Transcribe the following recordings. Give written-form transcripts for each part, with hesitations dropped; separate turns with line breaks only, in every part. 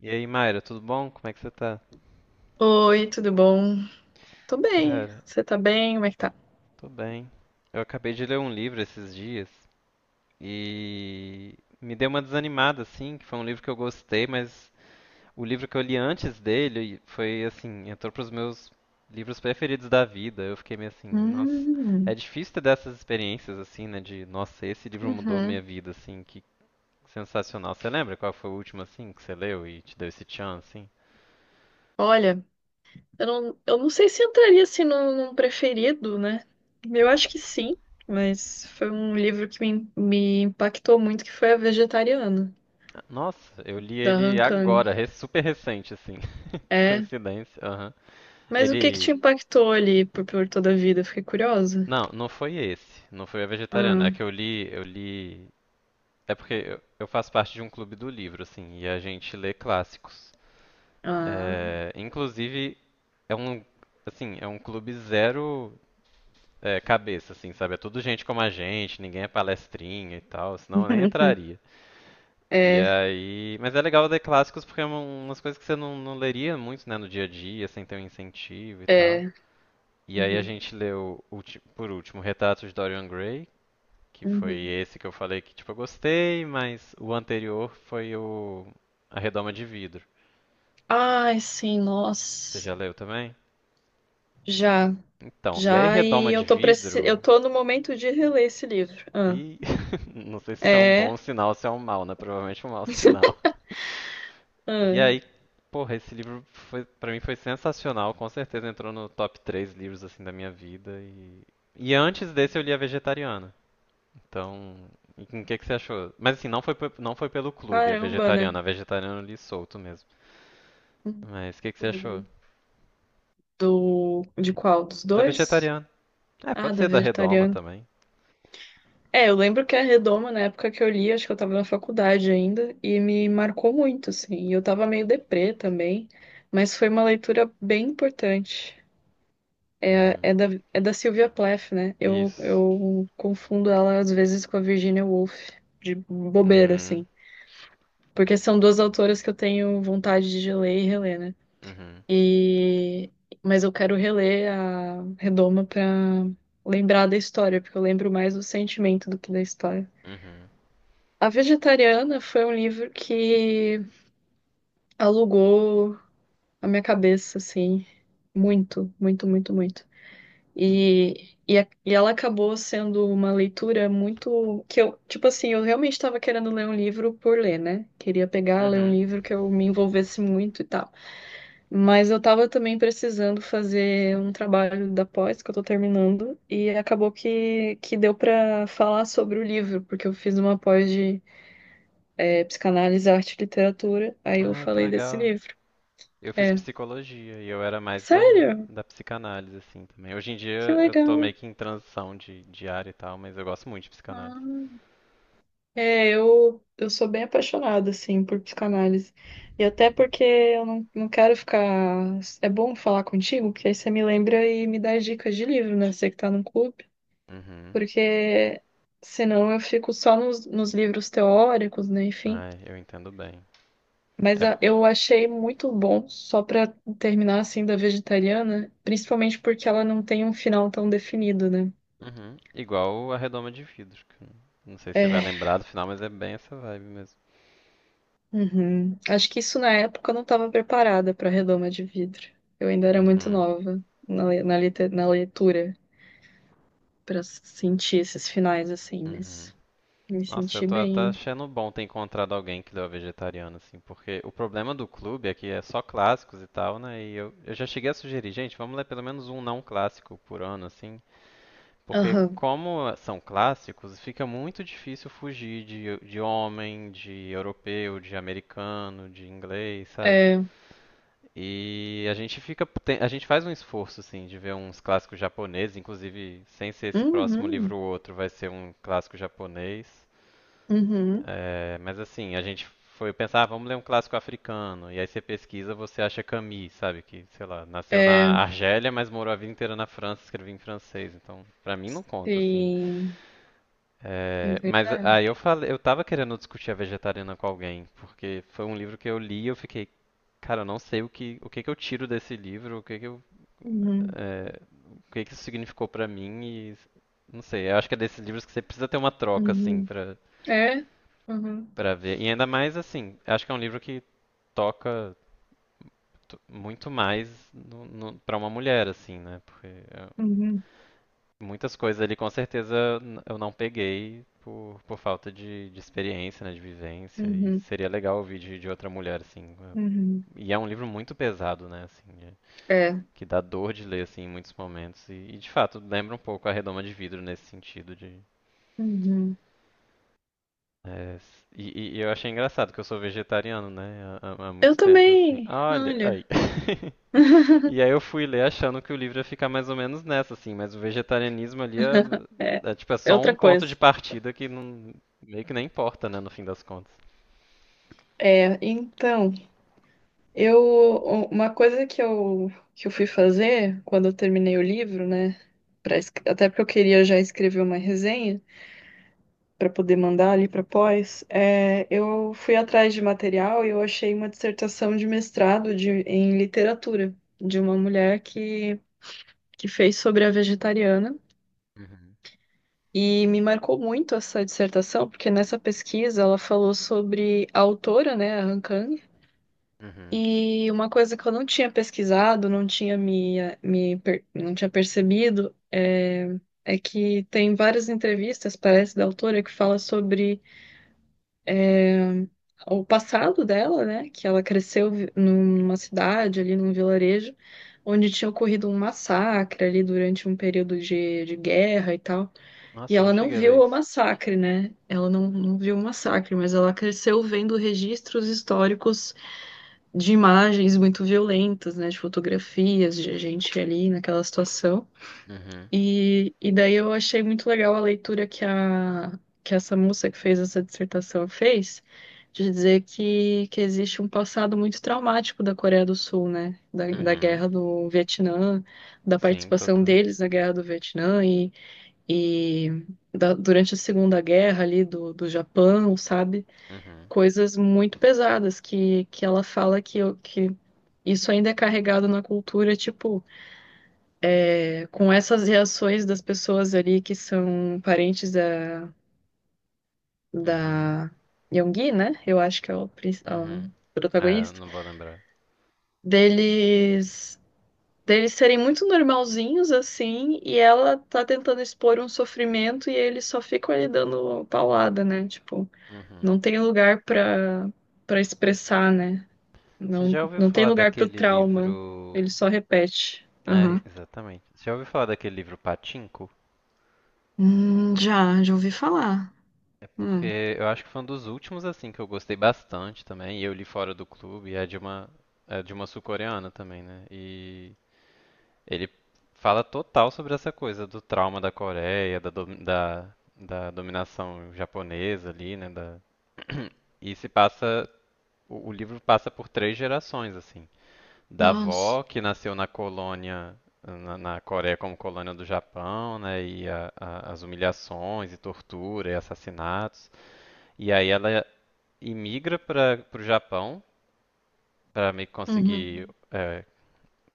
E aí, Mayra, tudo bom? Como é que você tá?
Oi, tudo bom? Tô bem.
Cara,
Você tá bem? Como é que tá?
tô bem. Eu acabei de ler um livro esses dias e me deu uma desanimada, assim, que foi um livro que eu gostei, mas o livro que eu li antes dele foi, assim, entrou pros meus livros preferidos da vida. Eu fiquei meio assim, nossa, é
Hum,
difícil ter dessas experiências, assim, né, nossa, esse livro mudou minha
uhum.
vida, assim, que sensacional. Você lembra qual foi o último, assim, que você leu e te deu esse tchan, assim?
Olha, eu não sei se entraria assim num preferido, né? Eu acho que sim, mas foi um livro que me impactou muito, que foi A Vegetariana,
Nossa, eu li
da
ele
Han Kang.
agora, super recente, assim.
É.
Coincidência, aham.
Mas o que que te
Ele.
impactou ali por toda a vida? Fiquei curiosa.
Não, não foi esse. Não foi a vegetariana.
Ah,
É que eu li, eu li. É porque eu faço parte de um clube do livro, assim, e a gente lê clássicos.
ah.
É, inclusive, é um, assim, é um clube zero é, cabeça, assim, sabe? É tudo gente como a gente, ninguém é palestrinha e tal, senão eu nem entraria. E
É,
aí. Mas é legal ler clássicos porque é umas coisas que você não leria muito, né, no dia a dia, sem ter um incentivo e tal.
é.
E aí a
Uhum,
gente leu, por último, Retratos de Dorian Gray, que foi
uhum.
esse que eu falei que, tipo, eu gostei, mas o anterior foi o A Redoma de Vidro.
Ai, sim,
Você
nossa.
já leu também?
Já.
Então, e aí
Já e
Redoma de
eu tô preci... eu
Vidro,
tô no momento de reler esse livro. Ah,
e não sei se isso é um
é,
bom sinal ou se é um mau, né? Provavelmente um mau sinal. E
ah,
aí, porra, esse livro foi, para mim foi sensacional, com certeza entrou no top 3 livros assim da minha vida e antes desse eu li A Vegetariana. Então, o que que você achou? Mas assim, não foi, não foi pelo clube, a
caramba, né?
vegetariana. A vegetariana eu li solto mesmo. Mas o que que você achou?
Uhum. Do de qual? Dos
Da
dois?
vegetariana. É,
Ah,
pode
da
ser da Redoma
vegetariana.
também.
É, eu lembro que a Redoma, na época que eu li, acho que eu tava na faculdade ainda, e me marcou muito, assim. E eu tava meio deprê também, mas foi uma leitura bem importante. É,
Uhum.
é da, é da Sylvia Plath, né?
Isso.
Eu confundo ela às vezes com a Virginia Woolf, de bobeira,
Uhum.
assim. Porque são duas autoras que eu tenho vontade de ler e reler, né?
Uhum.
E... Mas eu quero reler a Redoma pra lembrar da história, porque eu lembro mais do sentimento do que da história.
Uhum.
A Vegetariana foi um livro que alugou a minha cabeça, assim, muito, muito, muito, muito. E ela acabou sendo uma leitura muito que eu, tipo assim, eu realmente estava querendo ler um livro por ler, né? Queria pegar, ler um
Uhum.
livro que eu me envolvesse muito e tal. Mas eu tava também precisando fazer um trabalho da pós que eu tô terminando e acabou que deu pra falar sobre o livro, porque eu fiz uma pós de psicanálise, arte e literatura, aí eu
Ai, que
falei desse
legal.
livro.
Eu fiz
É.
psicologia e eu era mais da,
Sério?
da psicanálise, assim, também. Hoje em
Que
dia eu tô
legal.
meio que em transição de área e tal, mas eu gosto muito de psicanálise.
Ah. Eu sou bem apaixonada, assim, por psicanálise. E até porque eu não, não quero ficar. É bom falar contigo, porque aí você me lembra e me dá dicas de livro, né? Você que tá no clube.
Uhum.
Porque senão eu fico só nos livros teóricos, né? Enfim.
Ai, eu entendo bem. É,
Eu achei muito bom, só pra terminar assim, da vegetariana, principalmente porque ela não tem um final tão definido, né?
uhum. Igual a redoma de vidros. Que Não sei se você vai
É,
lembrar do final, mas é bem essa vibe mesmo.
uhum. Acho que isso na época eu não estava preparada para redoma de vidro. Eu ainda era muito
Uhum.
nova na, le- na, lite- na leitura para sentir esses finais assim,
Uhum.
mas me
Nossa, eu
senti
tô até
bem.
achando bom ter encontrado alguém que leu a vegetariana, assim, porque o problema do clube é que é só clássicos e tal, né? E eu já cheguei a sugerir, gente, vamos ler pelo menos um não clássico por ano, assim, porque
Aham.
como são clássicos, fica muito difícil fugir de homem, de europeu, de americano, de inglês, sabe?
É.
E a gente fica, a gente faz um esforço assim de ver uns clássicos japoneses, inclusive sem ser esse próximo
Uhum.
livro ou outro, vai ser um clássico japonês.
Uhum.
É, mas assim, a gente foi pensar, ah, vamos ler um clássico africano. E aí você pesquisa, você acha Camus, sabe? Que, sei lá, nasceu na
É.
Argélia, mas morou a vida inteira na França, escrevia em francês. Então, pra mim não conta, assim.
Sim. É
É, mas
verdade.
aí eu falei, eu tava querendo discutir a vegetariana com alguém, porque foi um livro que eu li e eu fiquei, cara, eu não sei o que que eu tiro desse livro, o que que eu
Uhum,
é, o que que isso significou pra mim e não sei, eu acho que é desses livros que você precisa ter uma troca assim
uhum.
pra
É? Uhum,
para ver. E ainda mais assim, eu acho que é um livro que toca muito mais no, para uma mulher assim, né? Porque é,
uhum,
muitas coisas ali com certeza eu não peguei por falta de experiência, né, de vivência e
uhum,
seria legal ouvir de outra mulher assim. É,
uhum.
E é um livro muito pesado, né, assim. É
É.
que dá dor de ler assim em muitos momentos de fato lembra um pouco a redoma de vidro nesse sentido de
Uhum.
é, eu achei engraçado que eu sou vegetariano né há
Eu
muito tempo assim
também,
olha
olha.
aí e aí eu fui ler achando que o livro ia ficar mais ou menos nessa assim mas o vegetarianismo ali é,
É,
é tipo é
é
só um
outra
ponto de
coisa.
partida que não, meio que nem importa né no fim das contas.
É, então, eu, uma coisa que eu fui fazer quando eu terminei o livro, né, até porque eu queria já escrever uma resenha, para poder mandar ali para pós, é, eu fui atrás de material e eu achei uma dissertação de mestrado de, em literatura de uma mulher que fez sobre a vegetariana.
Uhum.
E me marcou muito essa dissertação, porque nessa pesquisa ela falou sobre a autora, né, a Han Kang,
Uhum.
e uma coisa que eu não tinha pesquisado, não tinha me, não tinha percebido, é, é que tem várias entrevistas, parece, da autora que fala sobre o passado dela, né? Que ela cresceu vi- numa cidade, ali num vilarejo, onde tinha ocorrido um massacre ali durante um período de guerra e tal. E
Nossa, não
ela não
cheguei a ver
viu o
isso.
massacre, né? Ela não, não viu o massacre, mas ela cresceu vendo registros históricos de imagens muito violentas, né? De fotografias de gente ali naquela situação.
Uhum.
E daí eu achei muito legal a leitura que essa moça que fez essa dissertação fez, de dizer que existe um passado muito traumático da Coreia do Sul, né? Da
Uhum.
guerra do Vietnã, da
Sim,
participação
total.
deles na guerra do Vietnã e da- durante a Segunda Guerra ali do Japão, sabe?
Uhum.
Coisas muito pesadas que ela fala que isso ainda é carregado na cultura, tipo com essas reações das pessoas ali que são parentes
Uhum.
da Yoongi, né? Eu acho que é o, princ-
Uhum.
o
É, eu
protagonista.
não vou lembrar.
Deles, deles serem muito normalzinhos, assim, e ela tá tentando expor um sofrimento e eles só ficam ali dando paulada, né? Tipo,
Uhum.
não tem lugar pra, pra expressar, né?
Você já ouviu
Não tem
falar
lugar pro
daquele
trauma.
livro.
Ele só repete. Aham.
É, exatamente. Você já ouviu falar daquele livro Pachinko?
Já ouvi falar. Hum.
Porque eu acho que foi um dos últimos, assim, que eu gostei bastante também. E eu li fora do clube. É de uma sul-coreana também, né? E ele fala total sobre essa coisa do trauma da Coreia, da, da dominação japonesa ali, né? Da... E se passa. O livro passa por três gerações, assim. Da
Nossa.
avó, que nasceu na colônia, na Coreia como colônia do Japão, né? E as humilhações e tortura e assassinatos. E aí ela imigra para o Japão para meio que conseguir
Uhum.
é,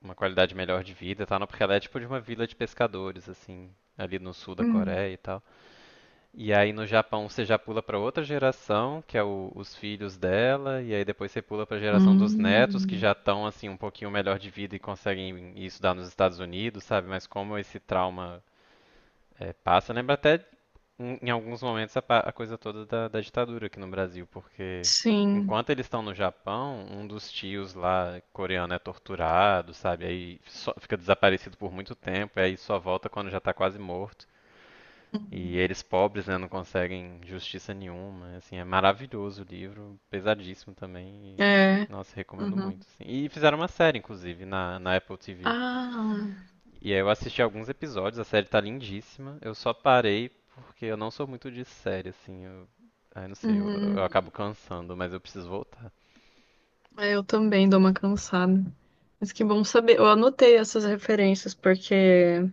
uma qualidade melhor de vida, e tal, não? Porque ela é tipo de uma vila de pescadores, assim, ali no sul da
Hum.
Coreia e tal. E aí no Japão você já pula para outra geração, que é os filhos dela, e aí depois você pula para a geração dos netos, que já
Hum.
estão assim um pouquinho melhor de vida e conseguem ir estudar nos Estados Unidos, sabe? Mas como esse trauma eh, passa, lembra até em, em alguns momentos a, a coisa toda da ditadura aqui no Brasil, porque
Sim.
enquanto eles estão no Japão, um dos tios lá coreano é torturado, sabe? Aí fica desaparecido por muito tempo, e aí só volta quando já está quase morto. E
Uhum.
eles pobres, né, não conseguem justiça nenhuma. Assim, é maravilhoso o livro, pesadíssimo também.
É.
E, nossa, recomendo
Uhum.
muito assim. E fizeram uma série, inclusive, na Apple TV.
Ah.
E aí eu assisti alguns episódios, a série tá lindíssima. Eu só parei porque eu não sou muito de série, assim. Eu, ai, não sei, eu
Uhum.
acabo cansando, mas eu preciso voltar.
É, eu também dou uma cansada. Mas que bom saber. Eu anotei essas referências, porque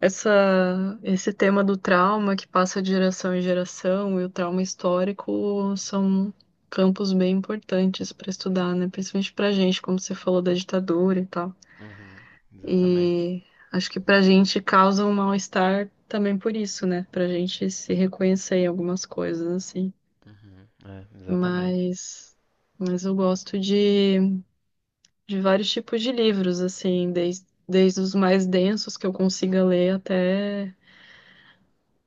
essa, esse tema do trauma que passa de geração em geração e o trauma histórico são campos bem importantes para estudar, né? Principalmente pra gente, como você falou da ditadura e tal.
Uhum, exatamente.
E acho que pra gente causa um mal-estar também por isso, né? Pra gente se reconhecer em algumas coisas, assim.
Uhum, é, exatamente.
Mas, mas eu gosto de vários tipos de livros, assim, desde os mais densos que eu consiga ler até,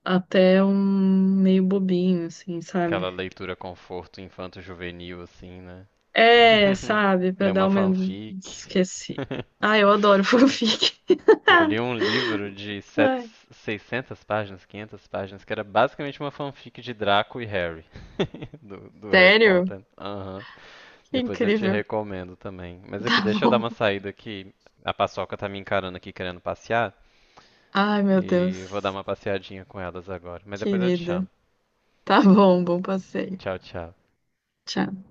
até um meio bobinho, assim,
Aquela
sabe?
leitura conforto infanto-juvenil, assim, né?
É, sabe, pra
Deu
dar
uma
uma.
fanfic.
Esqueci. Ah, eu adoro fanfic.
Eu li um livro de sete,
Ai,
600 páginas, 500 páginas, que era basicamente uma fanfic de Draco e Harry, do Harry
sério?
Potter. Aham.
Que
Depois eu te
incrível.
recomendo também. Mas
Tá
aqui, deixa eu dar uma
bom.
saída que a Paçoca tá me encarando aqui querendo passear,
Ai, meu
e eu vou dar
Deus.
uma passeadinha com elas agora. Mas depois eu te chamo.
Querida. Tá bom, bom passeio.
Tchau, tchau.
Tchau.